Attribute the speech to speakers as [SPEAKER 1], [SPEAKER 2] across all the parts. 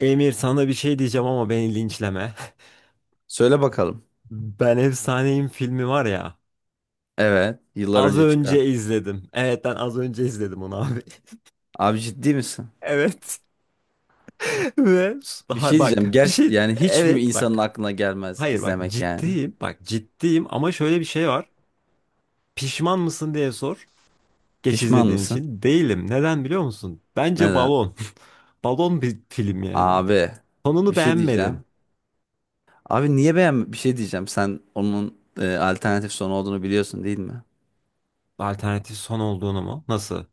[SPEAKER 1] Emir sana bir şey diyeceğim ama beni linçleme.
[SPEAKER 2] Söyle bakalım.
[SPEAKER 1] Ben Efsaneyim filmi var ya.
[SPEAKER 2] Evet, yıllar
[SPEAKER 1] Az
[SPEAKER 2] önce çıkan.
[SPEAKER 1] önce izledim. Evet, ben az önce izledim onu abi.
[SPEAKER 2] Abi ciddi misin?
[SPEAKER 1] Evet. Ve
[SPEAKER 2] Bir
[SPEAKER 1] daha
[SPEAKER 2] şey
[SPEAKER 1] bak
[SPEAKER 2] diyeceğim.
[SPEAKER 1] bir
[SPEAKER 2] Ger
[SPEAKER 1] şey,
[SPEAKER 2] yani hiç mi
[SPEAKER 1] evet
[SPEAKER 2] insanın
[SPEAKER 1] bak.
[SPEAKER 2] aklına gelmez
[SPEAKER 1] Hayır, bak
[SPEAKER 2] izlemek yani?
[SPEAKER 1] ciddiyim. Bak ciddiyim ama şöyle bir şey var. Pişman mısın diye sor. Geç
[SPEAKER 2] Pişman
[SPEAKER 1] izlediğin
[SPEAKER 2] mısın?
[SPEAKER 1] için. Değilim. Neden biliyor musun? Bence
[SPEAKER 2] Neden?
[SPEAKER 1] balon. Balon bir film yani.
[SPEAKER 2] Abi bir
[SPEAKER 1] Sonunu
[SPEAKER 2] şey
[SPEAKER 1] beğenmedim.
[SPEAKER 2] diyeceğim. Abi niye beğen bir şey diyeceğim. Sen onun alternatif sonu olduğunu biliyorsun değil mi?
[SPEAKER 1] Alternatif son olduğunu mu? Nasıl?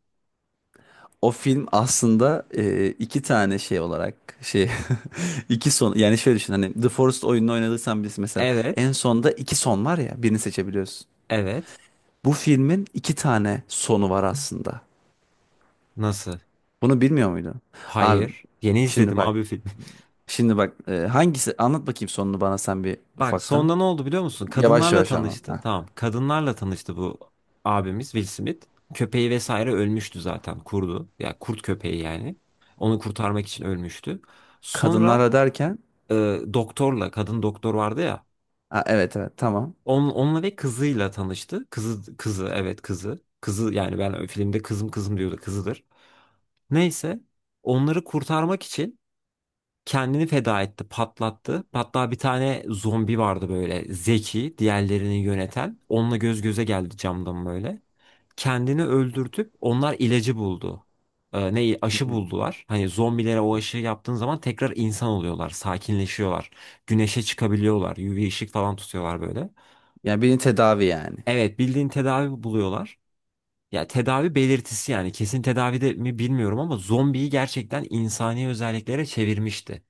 [SPEAKER 2] O film aslında iki tane şey olarak şey iki son. Yani şöyle düşün, hani The Forest oyununu oynadıysan bilirsin mesela,
[SPEAKER 1] Evet.
[SPEAKER 2] en sonda iki son var ya, birini seçebiliyorsun.
[SPEAKER 1] Evet.
[SPEAKER 2] Bu filmin iki tane sonu var aslında.
[SPEAKER 1] Nasıl?
[SPEAKER 2] Bunu bilmiyor muydu? Abi
[SPEAKER 1] Hayır. Yeni
[SPEAKER 2] şimdi
[SPEAKER 1] izledim
[SPEAKER 2] bak.
[SPEAKER 1] abi filmi.
[SPEAKER 2] Şimdi bak, hangisi, anlat bakayım sonunu bana sen bir
[SPEAKER 1] Bak
[SPEAKER 2] ufaktan.
[SPEAKER 1] sonunda ne oldu biliyor musun?
[SPEAKER 2] Yavaş
[SPEAKER 1] Kadınlarla
[SPEAKER 2] yavaş anlat.
[SPEAKER 1] tanıştı.
[SPEAKER 2] Ha.
[SPEAKER 1] Tamam. Kadınlarla tanıştı bu abimiz Will Smith. Köpeği vesaire ölmüştü zaten. Kurdu. Ya kurt köpeği yani. Onu kurtarmak için ölmüştü. Sonra
[SPEAKER 2] Kadınlara derken
[SPEAKER 1] e, doktorla kadın doktor vardı ya.
[SPEAKER 2] ha, evet evet, tamam.
[SPEAKER 1] Onunla ve kızıyla tanıştı. Kızı, evet kızı. Kızı yani ben filmde kızım kızım diyordu, kızıdır. Neyse, onları kurtarmak için kendini feda etti, patlattı. Hatta bir tane zombi vardı böyle zeki, diğerlerini yöneten. Onunla göz göze geldi camdan böyle. Kendini öldürtüp onlar ilacı buldu. Ne
[SPEAKER 2] Şimdi,
[SPEAKER 1] aşı buldular. Hani zombilere o aşıyı yaptığın zaman tekrar insan oluyorlar, sakinleşiyorlar. Güneşe çıkabiliyorlar, UV ışık falan tutuyorlar böyle.
[SPEAKER 2] yani birini tedavi yani.
[SPEAKER 1] Evet, bildiğin tedavi buluyorlar. Ya tedavi belirtisi yani, kesin tedavi de mi bilmiyorum, ama zombiyi gerçekten insani özelliklere çevirmişti.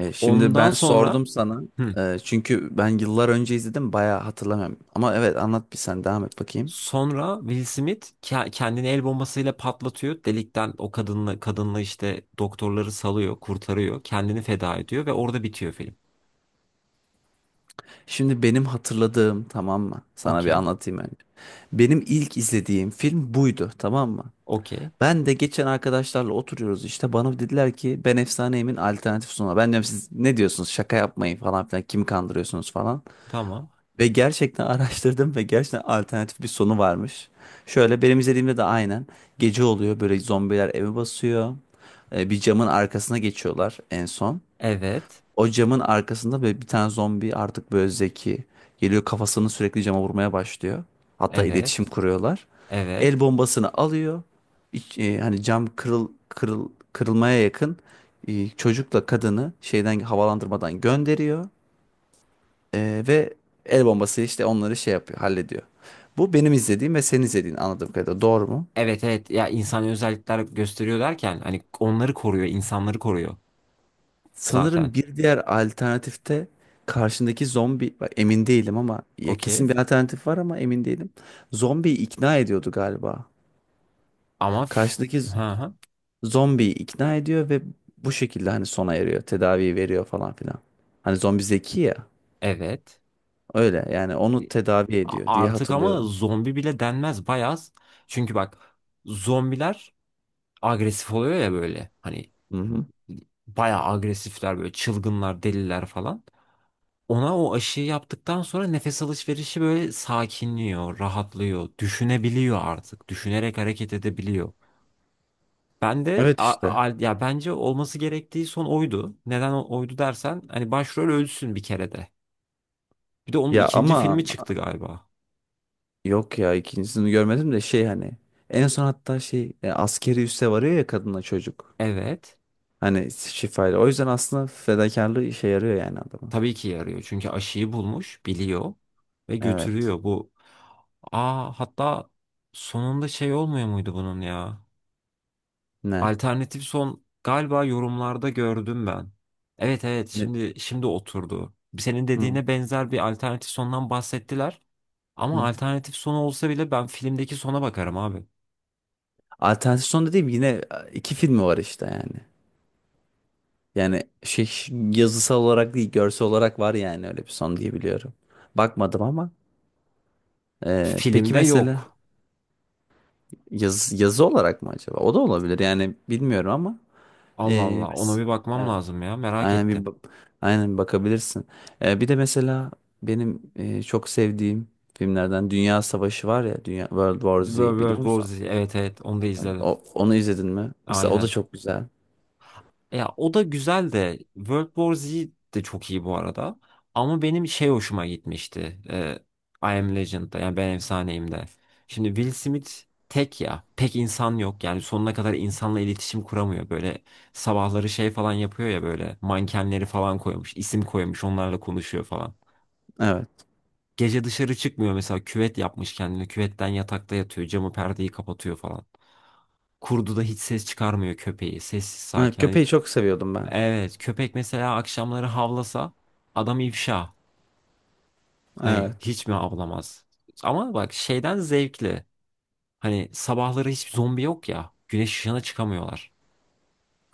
[SPEAKER 2] Şimdi
[SPEAKER 1] Ondan
[SPEAKER 2] ben
[SPEAKER 1] sonra
[SPEAKER 2] sordum sana.
[SPEAKER 1] hı.
[SPEAKER 2] Çünkü ben yıllar önce izledim, bayağı hatırlamıyorum. Ama evet, anlat bir, sen devam et bakayım.
[SPEAKER 1] Sonra Will Smith kendini el bombasıyla patlatıyor. Delikten o kadınla işte doktorları salıyor, kurtarıyor, kendini feda ediyor ve orada bitiyor film.
[SPEAKER 2] Şimdi benim hatırladığım, tamam mı? Sana bir
[SPEAKER 1] Okey.
[SPEAKER 2] anlatayım önce. Benim ilk izlediğim film buydu, tamam mı?
[SPEAKER 1] Okey.
[SPEAKER 2] Ben de geçen arkadaşlarla oturuyoruz işte, bana dediler ki ben Efsaneyim'in alternatif sunumu. Ben diyorum siz ne diyorsunuz, şaka yapmayın falan filan, kimi kandırıyorsunuz falan.
[SPEAKER 1] Tamam.
[SPEAKER 2] Ve gerçekten araştırdım ve gerçekten alternatif bir sonu varmış. Şöyle, benim izlediğimde de aynen gece oluyor, böyle zombiler evi basıyor. Bir camın arkasına geçiyorlar en son.
[SPEAKER 1] Evet.
[SPEAKER 2] O camın arkasında böyle bir tane zombi, artık böyle zeki, geliyor, kafasını sürekli cama vurmaya başlıyor. Hatta iletişim
[SPEAKER 1] Evet.
[SPEAKER 2] kuruyorlar. El
[SPEAKER 1] Evet.
[SPEAKER 2] bombasını alıyor. Hani cam kırılmaya yakın, çocukla kadını şeyden, havalandırmadan gönderiyor. Ve el bombası işte onları şey yapıyor, hallediyor. Bu benim izlediğim ve senin izlediğin, anladığım kadarıyla doğru mu?
[SPEAKER 1] Evet, evet, ya insan özellikler gösteriyor derken hani onları koruyor, insanları koruyor
[SPEAKER 2] Sanırım
[SPEAKER 1] zaten.
[SPEAKER 2] bir diğer alternatifte karşındaki zombi, bak emin değilim ama, ya
[SPEAKER 1] Okey.
[SPEAKER 2] kesin bir alternatif var ama emin değilim. Zombiyi ikna ediyordu galiba.
[SPEAKER 1] Ama
[SPEAKER 2] Karşıdaki
[SPEAKER 1] hı
[SPEAKER 2] z-
[SPEAKER 1] hı.
[SPEAKER 2] Zombiyi ikna ediyor ve bu şekilde hani sona eriyor, tedavi veriyor falan filan. Hani zombi zeki ya.
[SPEAKER 1] Evet.
[SPEAKER 2] Öyle yani, onu
[SPEAKER 1] E,
[SPEAKER 2] tedavi
[SPEAKER 1] A-
[SPEAKER 2] ediyor diye
[SPEAKER 1] Artık ama
[SPEAKER 2] hatırlıyorum.
[SPEAKER 1] zombi bile denmez bayağı. Çünkü bak zombiler agresif oluyor ya böyle, hani
[SPEAKER 2] Hı hı.
[SPEAKER 1] bayağı agresifler böyle, çılgınlar, deliler falan. Ona o aşıyı yaptıktan sonra nefes alışverişi böyle sakinliyor, rahatlıyor, düşünebiliyor artık. Düşünerek hareket edebiliyor. Ben de
[SPEAKER 2] Evet işte.
[SPEAKER 1] ya bence olması gerektiği son oydu. Neden oydu dersen, hani başrol ölsün bir kere de. Bir de onun
[SPEAKER 2] Ya
[SPEAKER 1] ikinci
[SPEAKER 2] ama
[SPEAKER 1] filmi çıktı galiba.
[SPEAKER 2] yok ya, ikincisini görmedim de, şey, hani en son, hatta şey, askeri üsse varıyor ya, kadınla çocuk.
[SPEAKER 1] Evet.
[SPEAKER 2] Hani şifayla. O yüzden aslında fedakarlığı işe yarıyor yani adamın.
[SPEAKER 1] Tabii ki yarıyor. Çünkü aşıyı bulmuş, biliyor ve
[SPEAKER 2] Evet.
[SPEAKER 1] götürüyor bu. Aa hatta sonunda şey olmuyor muydu bunun ya?
[SPEAKER 2] Ne?
[SPEAKER 1] Alternatif son galiba yorumlarda gördüm ben. Evet evet,
[SPEAKER 2] Ne?
[SPEAKER 1] şimdi oturdu. Senin
[SPEAKER 2] Hı.
[SPEAKER 1] dediğine benzer bir alternatif sondan bahsettiler. Ama
[SPEAKER 2] Hı.
[SPEAKER 1] alternatif sonu olsa bile ben filmdeki sona bakarım abi.
[SPEAKER 2] Alternatif son dediğim yine iki filmi var işte yani. Yani şey, yazısal olarak değil, görsel olarak var yani, öyle bir son diye biliyorum. Bakmadım ama. Peki
[SPEAKER 1] Filmde
[SPEAKER 2] mesela
[SPEAKER 1] yok.
[SPEAKER 2] yazı olarak mı acaba? O da olabilir yani, bilmiyorum ama. E,
[SPEAKER 1] Allah Allah, ona
[SPEAKER 2] mes-
[SPEAKER 1] bir bakmam
[SPEAKER 2] evet.
[SPEAKER 1] lazım ya, merak
[SPEAKER 2] Aynen bir
[SPEAKER 1] ettim.
[SPEAKER 2] bak- aynen bir bakabilirsin. Bir de mesela benim çok sevdiğim filmlerden Dünya Savaşı var ya, Dünya World War Z, biliyor
[SPEAKER 1] World War
[SPEAKER 2] musun?
[SPEAKER 1] Z, evet evet, onu da
[SPEAKER 2] Hani
[SPEAKER 1] izledim.
[SPEAKER 2] Onu izledin mi? Mesela o da
[SPEAKER 1] Aynen.
[SPEAKER 2] çok güzel.
[SPEAKER 1] Ya o da güzel de World War Z de çok iyi bu arada. Ama benim şey hoşuma gitmişti. E, I Am Legend'da yani ben efsaneyim de. Şimdi Will Smith tek ya. Pek insan yok. Yani sonuna kadar insanla iletişim kuramıyor. Böyle sabahları şey falan yapıyor ya, böyle mankenleri falan koymuş, isim koymuş, onlarla konuşuyor falan.
[SPEAKER 2] Evet.
[SPEAKER 1] Gece dışarı çıkmıyor mesela, küvet yapmış kendine. Küvetten yatakta yatıyor. Camı, perdeyi kapatıyor falan. Kurdu da hiç ses çıkarmıyor, köpeği. Sessiz
[SPEAKER 2] Ha,
[SPEAKER 1] sakin. Hani
[SPEAKER 2] köpeği çok seviyordum ben.
[SPEAKER 1] evet, köpek mesela akşamları havlasa adam ifşa. Hani
[SPEAKER 2] Evet.
[SPEAKER 1] hiç mi havlamaz? Ama bak şeyden zevkli. Hani sabahları hiç zombi yok ya. Güneş ışığına çıkamıyorlar.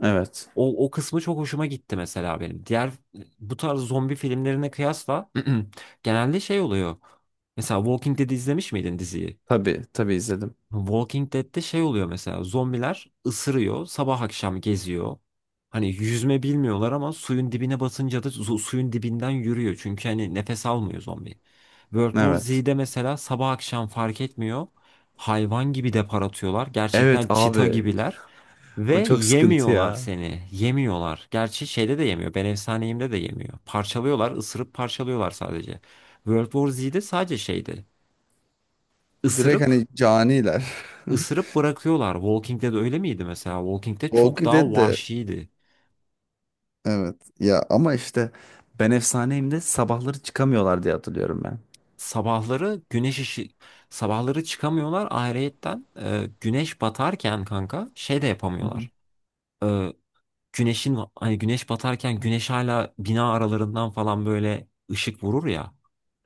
[SPEAKER 2] Evet.
[SPEAKER 1] O kısmı çok hoşuma gitti mesela benim. Diğer bu tarz zombi filmlerine kıyasla genelde şey oluyor. Mesela Walking Dead izlemiş miydin diziyi?
[SPEAKER 2] Tabii, tabii izledim.
[SPEAKER 1] Walking Dead'de şey oluyor mesela, zombiler ısırıyor, sabah akşam geziyor. Hani yüzme bilmiyorlar ama suyun dibine basınca da suyun dibinden yürüyor. Çünkü hani nefes almıyor zombi. World War
[SPEAKER 2] Evet.
[SPEAKER 1] Z'de mesela sabah akşam fark etmiyor. Hayvan gibi depar atıyorlar.
[SPEAKER 2] Evet
[SPEAKER 1] Gerçekten çita
[SPEAKER 2] abi.
[SPEAKER 1] gibiler. Ve
[SPEAKER 2] O çok sıkıntı
[SPEAKER 1] yemiyorlar
[SPEAKER 2] ya.
[SPEAKER 1] seni. Yemiyorlar. Gerçi şeyde de yemiyor, ben efsaneyimde de yemiyor. Parçalıyorlar, ısırıp parçalıyorlar sadece. World War Z'de sadece şeydi.
[SPEAKER 2] Direkt
[SPEAKER 1] Isırıp
[SPEAKER 2] hani caniler.
[SPEAKER 1] ısırıp bırakıyorlar. Walking Dead öyle miydi mesela? Walking Dead çok
[SPEAKER 2] Walking
[SPEAKER 1] daha
[SPEAKER 2] Dead de
[SPEAKER 1] vahşiydi.
[SPEAKER 2] evet ya, ama işte ben efsaneyim de sabahları çıkamıyorlar diye hatırlıyorum
[SPEAKER 1] Sabahları güneş ışı Sabahları çıkamıyorlar, ayrıyetten güneş batarken kanka şey de
[SPEAKER 2] ben.
[SPEAKER 1] yapamıyorlar. E, güneşin hani güneş batarken güneş hala bina aralarından falan böyle ışık vurur ya.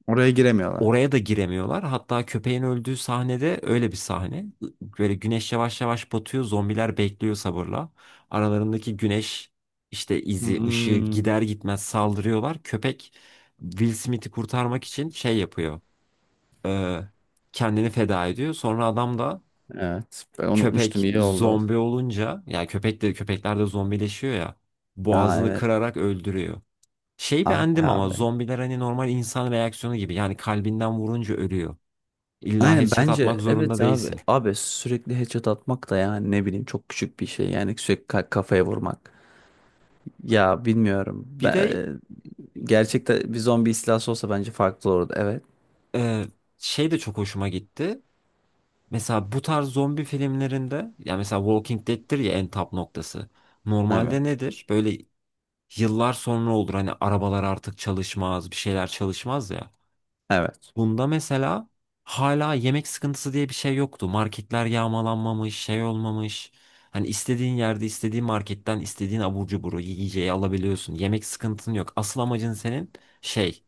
[SPEAKER 2] Oraya giremiyorlar.
[SPEAKER 1] Oraya da giremiyorlar. Hatta köpeğin öldüğü sahnede öyle bir sahne. Böyle güneş yavaş yavaş batıyor. Zombiler bekliyor sabırla. Aralarındaki güneş işte ışığı
[SPEAKER 2] Hmm.
[SPEAKER 1] gider gitmez saldırıyorlar. Köpek Will Smith'i kurtarmak için şey yapıyor. e, Kendini feda ediyor. Sonra adam da
[SPEAKER 2] Evet. Ben unutmuştum,
[SPEAKER 1] köpek
[SPEAKER 2] İyi oldu.
[SPEAKER 1] zombi olunca, yani köpek de, köpekler de zombileşiyor ya,
[SPEAKER 2] Aa
[SPEAKER 1] boğazını
[SPEAKER 2] evet.
[SPEAKER 1] kırarak öldürüyor. Şey
[SPEAKER 2] Ah be
[SPEAKER 1] beğendim ama,
[SPEAKER 2] abi.
[SPEAKER 1] zombiler hani normal insan reaksiyonu gibi. Yani kalbinden vurunca ölüyor. İlla
[SPEAKER 2] Aynen,
[SPEAKER 1] headshot atmak
[SPEAKER 2] bence
[SPEAKER 1] zorunda
[SPEAKER 2] evet abi.
[SPEAKER 1] değilsin.
[SPEAKER 2] Abi sürekli headshot atmak da yani, ne bileyim, çok küçük bir şey. Yani sürekli kafaya vurmak. Ya bilmiyorum.
[SPEAKER 1] Bir de
[SPEAKER 2] Ben, gerçekten bir zombi istilası olsa bence farklı olurdu. Evet.
[SPEAKER 1] e, şey de çok hoşuma gitti. Mesela bu tarz zombi filmlerinde ya, mesela Walking Dead'tir ya en tap noktası.
[SPEAKER 2] Evet.
[SPEAKER 1] Normalde nedir? Böyle yıllar sonra olur, hani arabalar artık çalışmaz, bir şeyler çalışmaz ya.
[SPEAKER 2] Evet.
[SPEAKER 1] Bunda mesela hala yemek sıkıntısı diye bir şey yoktu. Marketler yağmalanmamış, şey olmamış. Hani istediğin yerde, istediğin marketten istediğin abur cuburu, yiyeceği alabiliyorsun. Yemek sıkıntın yok. Asıl amacın senin şey,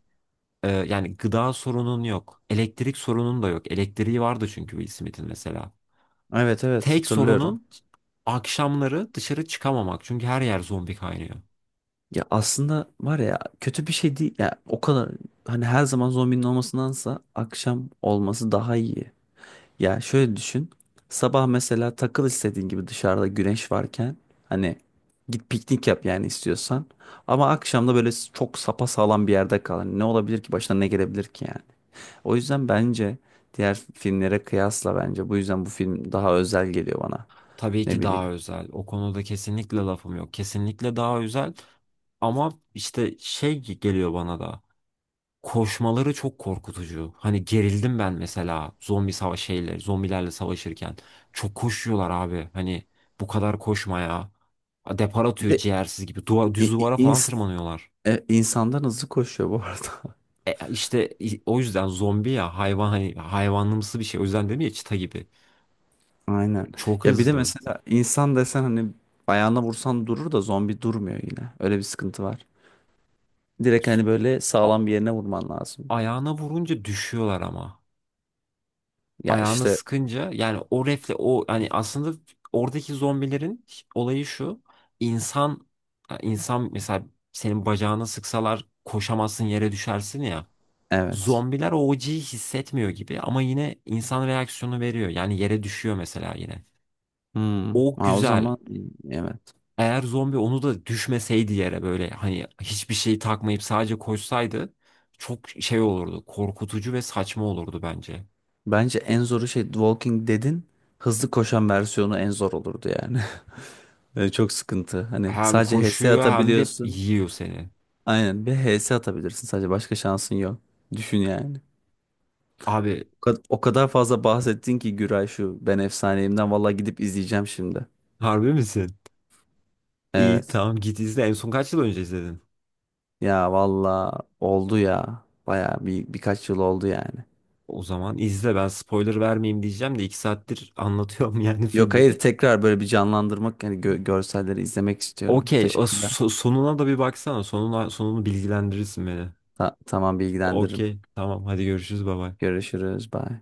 [SPEAKER 1] Yani gıda sorunun yok. Elektrik sorunun da yok. Elektriği vardı çünkü Will Smith'in mesela.
[SPEAKER 2] Evet evet,
[SPEAKER 1] Tek
[SPEAKER 2] hatırlıyorum.
[SPEAKER 1] sorunun akşamları dışarı çıkamamak. Çünkü her yer zombi kaynıyor.
[SPEAKER 2] Ya aslında, var ya, kötü bir şey değil. Ya o kadar, hani her zaman zombinin olmasındansa akşam olması daha iyi. Ya şöyle düşün. Sabah mesela takıl istediğin gibi, dışarıda güneş varken, hani git piknik yap yani, istiyorsan. Ama akşam da böyle çok sapasağlam bir yerde kal. Hani ne olabilir ki, başına ne gelebilir ki yani. O yüzden bence diğer filmlere kıyasla, bence bu yüzden bu film daha özel geliyor bana.
[SPEAKER 1] Tabii
[SPEAKER 2] Ne
[SPEAKER 1] ki
[SPEAKER 2] bileyim.
[SPEAKER 1] daha özel. O konuda kesinlikle lafım yok. Kesinlikle daha özel. Ama işte şey geliyor bana da. Koşmaları çok korkutucu. Hani gerildim ben mesela, zombilerle savaşırken. Çok koşuyorlar abi. Hani bu kadar koşma ya. Depar
[SPEAKER 2] Bir
[SPEAKER 1] atıyor
[SPEAKER 2] de
[SPEAKER 1] ciğersiz gibi.
[SPEAKER 2] i-
[SPEAKER 1] Düz
[SPEAKER 2] i-
[SPEAKER 1] duvara falan
[SPEAKER 2] ins
[SPEAKER 1] tırmanıyorlar.
[SPEAKER 2] insandan hızlı koşuyor bu arada.
[SPEAKER 1] O yüzden zombi ya, hayvan, hani hayvanlımsı bir şey. O yüzden dedim ya, çita gibi.
[SPEAKER 2] Aynen.
[SPEAKER 1] Çok
[SPEAKER 2] Ya bir de
[SPEAKER 1] hızlı.
[SPEAKER 2] mesela insan desen, hani ayağına vursan durur da, zombi durmuyor yine. Öyle bir sıkıntı var. Direkt hani böyle
[SPEAKER 1] A-
[SPEAKER 2] sağlam bir yerine vurman lazım.
[SPEAKER 1] Ayağına vurunca düşüyorlar ama.
[SPEAKER 2] Ya
[SPEAKER 1] Ayağını
[SPEAKER 2] işte
[SPEAKER 1] sıkınca yani o refle, o yani aslında oradaki zombilerin olayı şu: insan, ya insan mesela, senin bacağına sıksalar koşamazsın, yere düşersin ya,
[SPEAKER 2] evet.
[SPEAKER 1] zombiler o acıyı hissetmiyor gibi ama yine insan reaksiyonu veriyor, yani yere düşüyor mesela yine.
[SPEAKER 2] Hmm.
[SPEAKER 1] O
[SPEAKER 2] Ha, o
[SPEAKER 1] güzel.
[SPEAKER 2] zaman evet.
[SPEAKER 1] Eğer zombi onu da düşmeseydi yere, böyle hani hiçbir şey takmayıp sadece koşsaydı, çok şey olurdu, korkutucu ve saçma olurdu bence.
[SPEAKER 2] Bence en zoru şey, Walking Dead'in hızlı koşan versiyonu en zor olurdu yani. Yani çok sıkıntı. Hani
[SPEAKER 1] Hem
[SPEAKER 2] sadece HS
[SPEAKER 1] koşuyor hem de
[SPEAKER 2] atabiliyorsun.
[SPEAKER 1] yiyor seni.
[SPEAKER 2] Aynen bir HS atabilirsin, sadece başka şansın yok. Düşün yani.
[SPEAKER 1] Abi,
[SPEAKER 2] O kadar fazla bahsettin ki Güray şu Ben Efsaneyim'den, valla gidip izleyeceğim şimdi.
[SPEAKER 1] harbi misin? İyi
[SPEAKER 2] Evet.
[SPEAKER 1] tamam, git izle. En son kaç yıl önce izledin?
[SPEAKER 2] Ya valla oldu ya. Baya bir, birkaç yıl oldu yani.
[SPEAKER 1] O zaman izle, ben spoiler vermeyeyim diyeceğim de iki saattir anlatıyorum yani
[SPEAKER 2] Yok,
[SPEAKER 1] filmi.
[SPEAKER 2] hayır, tekrar böyle bir canlandırmak yani, görselleri izlemek istiyorum.
[SPEAKER 1] Okey, o
[SPEAKER 2] Teşekkürler.
[SPEAKER 1] sonuna da bir baksana. Sonuna, sonunu bilgilendirirsin beni.
[SPEAKER 2] Tamam, bilgilendiririm.
[SPEAKER 1] Okey tamam, hadi görüşürüz baba.
[SPEAKER 2] Görüşürüz. Bye.